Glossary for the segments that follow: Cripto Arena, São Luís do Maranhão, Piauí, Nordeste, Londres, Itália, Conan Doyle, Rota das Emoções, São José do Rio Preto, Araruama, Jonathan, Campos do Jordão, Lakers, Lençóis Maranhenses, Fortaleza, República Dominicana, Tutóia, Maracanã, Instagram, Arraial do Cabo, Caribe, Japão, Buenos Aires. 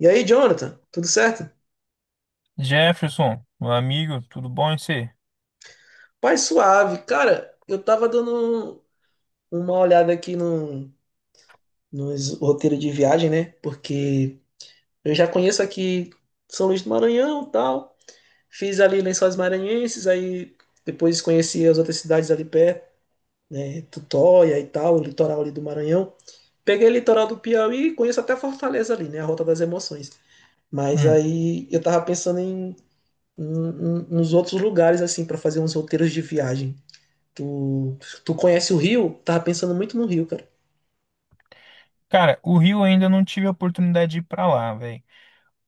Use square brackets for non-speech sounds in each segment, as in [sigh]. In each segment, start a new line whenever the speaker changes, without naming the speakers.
E aí, Jonathan, tudo certo?
Jefferson, meu amigo, tudo bom em você?
Pai suave. Cara, eu tava dando uma olhada aqui no, nos roteiros de viagem, né? Porque eu já conheço aqui São Luís do Maranhão e tal. Fiz ali Lençóis Maranhenses, aí depois conheci as outras cidades ali perto, né? Tutóia e tal, o litoral ali do Maranhão. Peguei o litoral do Piauí, conheço até Fortaleza ali, né? A Rota das Emoções. Mas
Hum.
aí eu tava pensando nos outros lugares, assim, para fazer uns roteiros de viagem. Tu, tu conhece o Rio? Tava pensando muito no Rio, cara.
Cara, o Rio ainda não tive a oportunidade de ir pra lá, velho.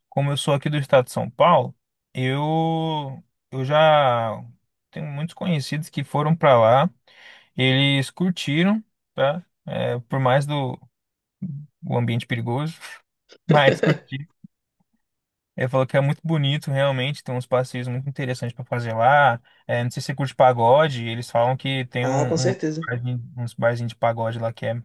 Como eu sou aqui do estado de São Paulo, eu eu já tenho muitos conhecidos que foram pra lá. Eles curtiram, tá? É, por mais do o ambiente perigoso, [laughs] mas curtiram. Ele falou que é muito bonito, realmente, tem uns passeios muito interessantes para fazer lá. É, não sei se você curte pagode, eles falam que tem
Ah, com
um
certeza.
barzinho- uns barzinhos de pagode lá que é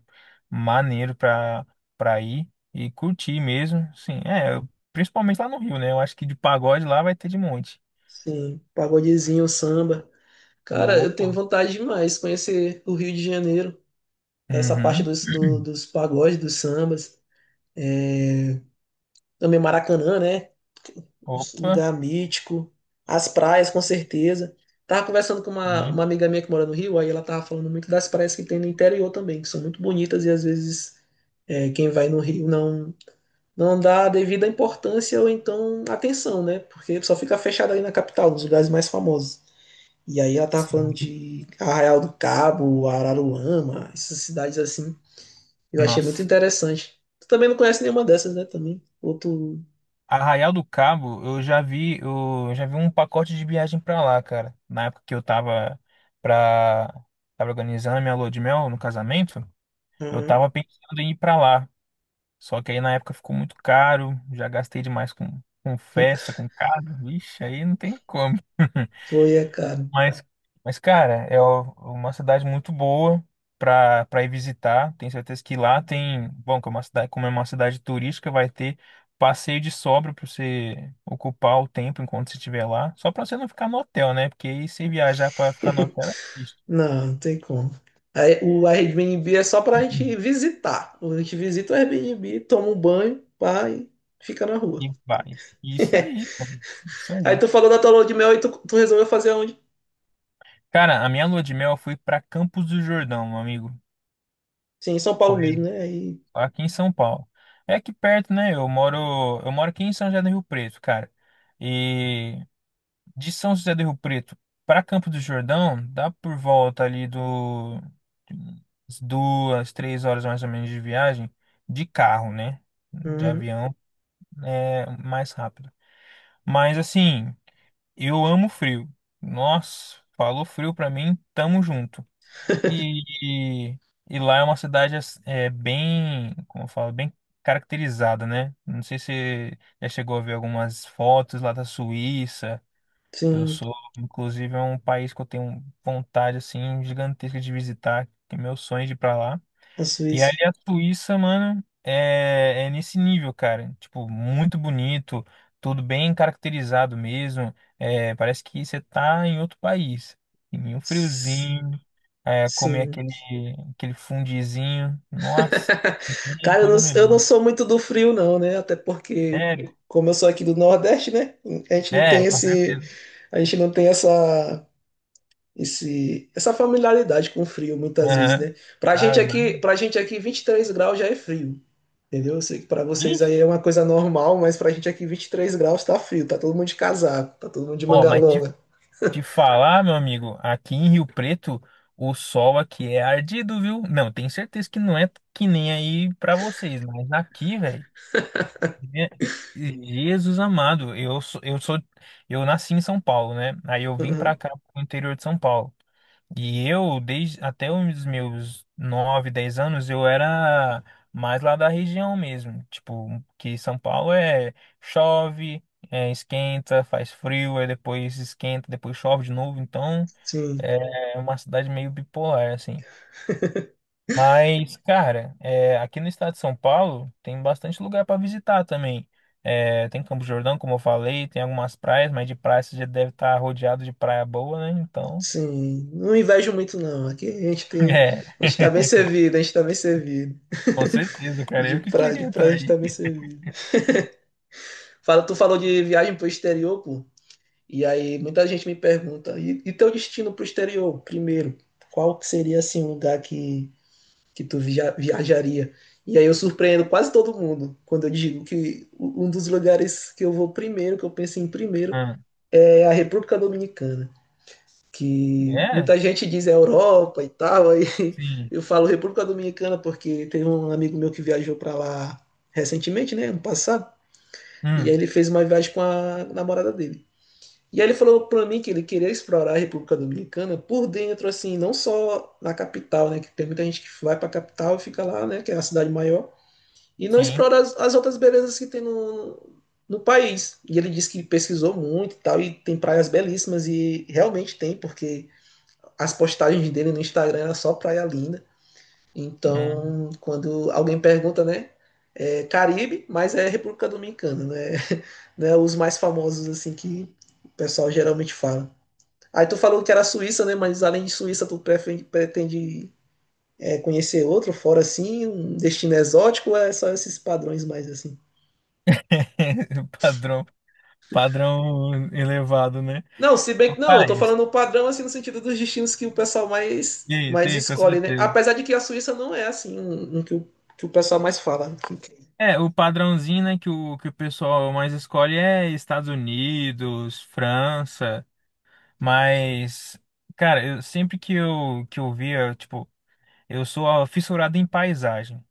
maneiro para ir e curtir mesmo. Sim, é, eu- principalmente lá no Rio, né? Eu acho que de pagode lá vai ter de monte.
Sim, pagodezinho, samba. Cara, eu
Opa.
tenho vontade demais de conhecer o Rio de Janeiro. Essa parte
Uhum. [clears throat]
dos pagodes, dos sambas. Também Maracanã, né? Um
Opa.
lugar mítico. As praias, com certeza. Tava conversando com uma,
Sim.
uma amiga minha que mora no Rio, aí ela tava falando muito das praias que tem no interior também, que são muito bonitas e às vezes quem vai no Rio não. Não dá a devida importância ou então atenção, né? Porque só fica fechada ali na capital, nos lugares mais famosos. E aí ela tava falando
Sim.
de Arraial do Cabo, Araruama, essas cidades assim. Eu achei muito
Nossa.
interessante. Tu também não conhece nenhuma dessas, né? Também. Outro.
Arraial do Cabo, eu já vi um pacote de viagem pra lá, cara. Na época que eu tava pra, tava organizando a minha lua de mel no casamento, eu
Uhum.
tava pensando em ir pra lá. Só que aí na época ficou muito caro, já gastei demais com festa, com carro. Vixe, aí não tem como.
Foi, é caro.
Mas, mas cara, é o- uma cidade muito boa para ir visitar. Tenho certeza que lá tem, bom, que é uma cidade, como é uma cidade turística, vai ter passeio de sobra para você ocupar o tempo enquanto você estiver lá, só para você não ficar no hotel, né? Porque aí se viajar para ficar no
[laughs]
hotel é triste.
Não, não tem como. Aí, o Airbnb é só pra gente
[clears throat]
visitar. A gente visita o Airbnb, toma um banho, pá, e fica na rua.
E vai. Isso aí,
[laughs]
cara. Isso
Aí
aí.
tu falou da tua lua de mel e tu resolveu fazer aonde?
Cara, a minha lua de mel foi para Campos do Jordão, meu amigo.
Sim, em São Paulo
Foi
mesmo, né? Aí,
aqui em São Paulo. É aqui perto, né? Eu moro aqui em São José do Rio Preto, cara. E de São José do Rio Preto para Campo do Jordão, dá por volta ali do umas duas, três horas mais ou menos de viagem de carro, né? De
uhum,
avião é mais rápido. Mas assim, eu amo frio. Nossa, falou frio pra mim, tamo junto. E, e lá é uma cidade ass- é, bem, como eu falo, bem caracterizada, né? Não sei se você já chegou a ver algumas fotos lá da Suíça. Eu
sim,
sou, inclusive, é um país que eu tenho vontade assim gigantesca de visitar, que é meu sonho de ir para lá.
a
E aí
Suíça.
a Suíça, mano, é nesse nível, cara. Tipo, muito bonito, tudo bem caracterizado mesmo. É, parece que você tá em outro país. Em um
S-
friozinho, é, comer
Sim.
aquele, aquele fundizinho. Nossa,
[laughs]
que
Cara, eu não,
coisa
eu não
melhor.
sou muito do frio, não, né? Até porque,
Sério?
como eu sou aqui do Nordeste, né? A gente não tem
É, com
esse,
certeza.
a gente não tem essa familiaridade com o frio, muitas vezes, né?
Aham.
Pra gente
Ai,
aqui,
mano.
pra gente aqui, 23 graus já é frio, entendeu? Eu sei que pra vocês
Ixi.
aí é uma coisa normal, mas pra gente aqui, 23 graus tá frio, tá todo mundo de casaco, tá todo mundo de
Ó,
manga
mas
longa.
de falar, meu amigo, aqui em Rio Preto, o sol aqui é ardido, viu? Não, tenho certeza que não é que nem aí pra vocês, mas aqui, velho. Je- Jesus amado, eu sou, eu nasci em São Paulo, né? Aí eu vim
Uhum,
pra cá, pro interior de São Paulo. E eu, desde até os meus 9 10 anos, eu era mais lá da região mesmo. Tipo, que São Paulo é chove, é, esquenta, faz frio, aí depois esquenta, depois chove de novo. Então,
sim.
é uma cidade meio bipolar, assim. Mas, cara, é, aqui no estado de São Paulo tem bastante lugar para visitar também. É, tem Campo Jordão, como eu falei, tem algumas praias, mas de praia você já deve estar rodeado de praia boa, né? Então,
Sim, não invejo muito não. Aqui a gente
[laughs]
tem,
é,
a gente tá bem servido, a gente tá bem servido.
com certeza, cara.
De
Eu que
pra, de
queria
pra a
estar
gente tá
aí.
bem servido. Fala, tu falou de viagem pro exterior, pô. E aí muita gente me pergunta, e teu destino pro exterior, primeiro? Qual que seria assim um lugar que tu viajaria? E aí eu surpreendo quase todo mundo quando eu digo que um dos lugares que eu vou primeiro, que eu penso em primeiro,
Ah,
é a República Dominicana. Que
é?
muita gente diz é Europa e tal, aí [laughs]
Sim.
eu falo República Dominicana porque teve um amigo meu que viajou para lá recentemente, né, ano passado, e aí
Hum,
ele fez uma viagem com a namorada dele. E aí ele falou para mim que ele queria explorar a República Dominicana por dentro, assim, não só na capital, né, que tem muita gente que vai para a capital e fica lá, né, que é a cidade maior, e não
sim.
explora as outras belezas que tem no país. E ele disse que pesquisou muito e tal, e tem praias belíssimas, e realmente tem, porque as postagens dele no Instagram era só praia linda.
Hum.
Então, quando alguém pergunta, né? É Caribe, mas é República Dominicana, né? [laughs] Né? Os mais famosos, assim, que o pessoal geralmente fala. Aí tu falou que era Suíça, né? Mas além de Suíça, tu pretende conhecer outro fora assim, um destino exótico, ou é só esses padrões mais assim?
[laughs] Padrão, padrão elevado, né?
Não, se bem que não, eu tô
Rapaz,
falando padrão assim no sentido dos destinos que o pessoal mais
e aí,
mais
sim, com
escolhe, né?
certeza.
Apesar de que a Suíça não é assim um que o pessoal mais fala,
É, o padrãozinho, né, que que o pessoal mais escolhe é Estados Unidos, França, mas, cara, eu, sempre que eu via, tipo, eu sou fissurado em paisagem.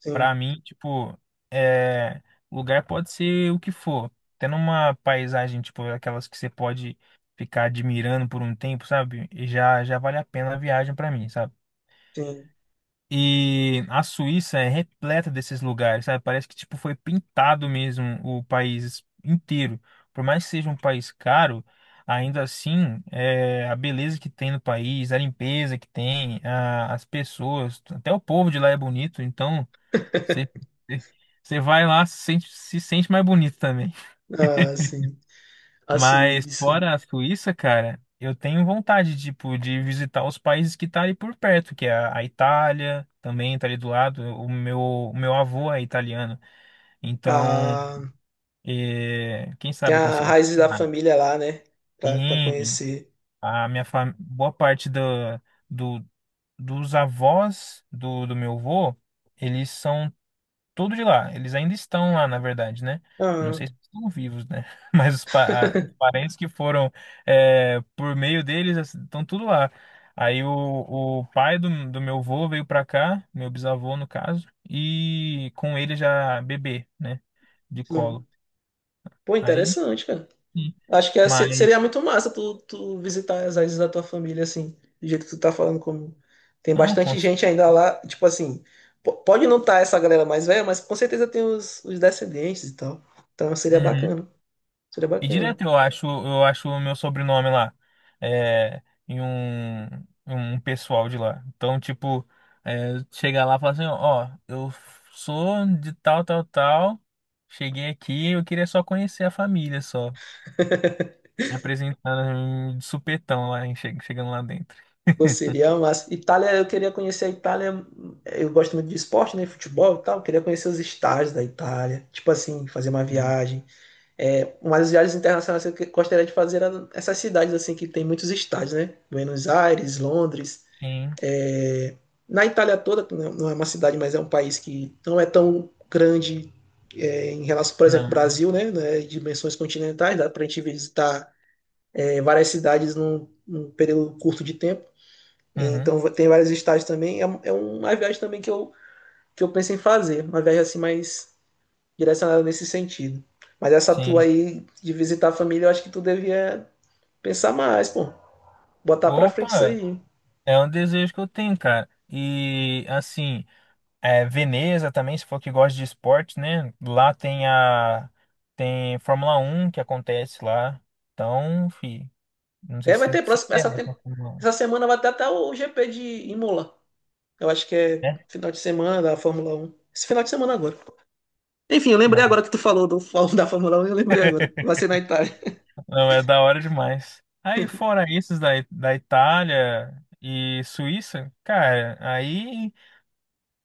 sim,
Pra mim, tipo, é, lugar pode ser o que for. Tendo uma paisagem, tipo, aquelas que você pode ficar admirando por um tempo, sabe? E já vale a pena a viagem pra mim, sabe?
sim.
E a Suíça é repleta desses lugares, sabe? Parece que tipo foi pintado mesmo o país inteiro. Por mais que seja um país caro, ainda assim, é, a beleza que tem no país, a limpeza que tem, a- as pessoas, até o povo de lá é bonito, então você você vai lá se sente, se sente mais bonito também.
Ah, sim. A
Mas
Suíça.
fora a Suíça, cara, eu tenho vontade, tipo, de visitar os países que tá ali por perto, que é a Itália, também tá ali do lado. O meu avô é italiano, então,
Ah,
eh, quem
tem
sabe eu
a
consigo...
raiz da
Ah,
família lá, né? Pra
sim,
conhecer.
a minha fam... boa parte do, do, dos avós do, do meu avô, eles são tudo de lá. Eles ainda estão lá, na verdade, né? Não
Ah,
sei se estão vivos, né? [laughs] Mas os, pa- a- os
[laughs]
parentes que foram é, por meio deles assim, estão tudo lá. Aí o pai do, do meu avô veio pra cá, meu bisavô no caso, e com ele já bebê, né? De
sim.
colo.
Pô,
Aí,
interessante, cara.
sim.
Acho que
Mas
seria muito massa tu visitar as raízes da tua família, assim, do jeito que tu tá falando, como tem
não, com,
bastante gente ainda lá, tipo assim, pode não estar essa galera mais velha, mas com certeza tem os descendentes e tal. Então seria
uhum.
bacana, seria
E
bacana.
direto eu acho o meu sobrenome lá, é, em um, em um pessoal de lá. Então, tipo, é, chegar lá e falar assim, ó, eu sou de tal, tal, tal, cheguei aqui, eu queria só conhecer a família só. Me apresentando de supetão lá, hein, che- chegando lá dentro.
Pô, seria massa. Itália, eu queria conhecer a Itália. Eu gosto muito de esporte, né? Futebol e tal. Eu queria conhecer os estádios da Itália. Tipo assim, fazer uma
Sim.
viagem. É, uma das viagens internacionais que eu gostaria de fazer era essas cidades assim que tem muitos estádios, né? Buenos Aires, Londres.
Sim,
é, Na Itália toda, que não é uma cidade, mas é um país que não é tão grande em relação, por exemplo, ao
não.
Brasil, né? Né, dimensões continentais, dá para a gente visitar várias cidades num período curto de tempo.
Uhum,
Então tem vários estágios também. É uma viagem também que eu penso em fazer. Uma viagem assim mais direcionada nesse sentido. Mas essa tua
sim.
aí de visitar a família, eu acho que tu devia pensar mais, pô. Botar pra frente isso
Opa,
aí.
é um desejo que eu tenho, cara. E assim. É, Veneza também, se for que gosta de esporte, né? Lá tem a tem Fórmula Um que acontece lá. Então, fi, não sei
É, vai ter
se
próximo.
interessa pra Fórmula 1,
Essa semana vai ter até o GP de Imola. Eu acho que é
né?
final de semana da Fórmula 1. Esse final de semana agora. Enfim, eu lembrei
Não,
agora que tu falou do, [laughs] da Fórmula 1 eu lembrei agora. Vai ser na Itália.
não é da hora demais. Aí fora esses da, da Itália e Suíça, cara, aí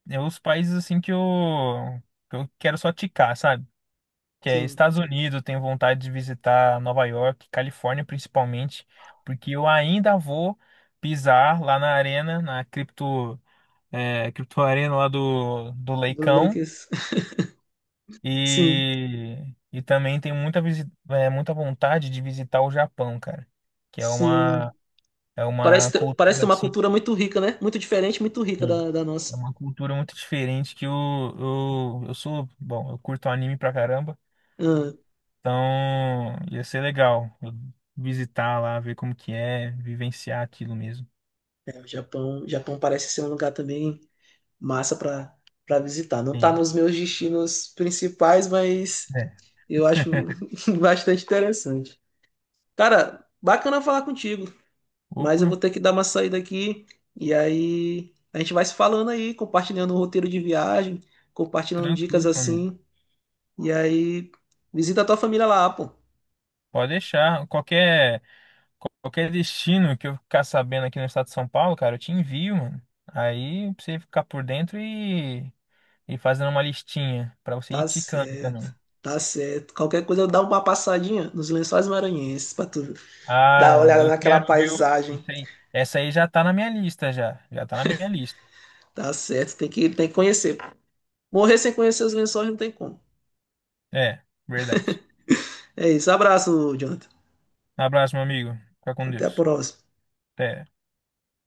é os países assim que eu quero só ticar, sabe? Que é
Sim.
Estados Unidos, tenho vontade de visitar Nova York, Califórnia principalmente, porque eu ainda vou pisar lá na arena, na cripto, é, cripto arena lá do, do
Do
Leicão
Lakers. [laughs] Sim.
e, e também tenho muita, visi- é, muita vontade de visitar o Japão, cara, que
Sim.
é
Parece
uma
ter, parece
cultura
ter uma
assim,
cultura muito rica, né? Muito diferente, muito rica da
é
nossa.
uma cultura muito diferente que eu, eu sou, bom, eu curto anime pra caramba.
Ah,
Então, ia ser legal eu visitar lá, ver como que é, vivenciar aquilo mesmo.
o Japão parece ser um lugar também massa para visitar. Não tá
Sim.
nos meus destinos principais, mas
É.
eu acho
[laughs]
[laughs] bastante interessante. Cara, bacana falar contigo, mas eu vou
Opa,
ter que dar uma saída aqui e aí a gente vai se falando aí, compartilhando o roteiro de viagem, compartilhando
tranquilo,
dicas
meu amigo.
assim, e aí visita a tua família lá, pô.
Pode deixar. Qualquer, qualquer destino que eu ficar sabendo aqui no estado de São Paulo, cara, eu te envio, mano. Aí pra você ficar por dentro e fazendo uma listinha pra você ir
Tá
ticando
certo,
também.
tá certo. Qualquer coisa eu dou uma passadinha nos Lençóis Maranhenses pra tu dar uma
Ah,
olhada
eu
naquela
quero, viu?
paisagem.
Isso aí. Essa aí já tá na minha lista, já. Já tá na minha lista.
Tá certo, tem que conhecer. Morrer sem conhecer os Lençóis não tem como.
É, verdade.
É isso, abraço, Jonathan.
Um abraço, meu amigo. Fica com
Até a
Deus.
próxima.
Até.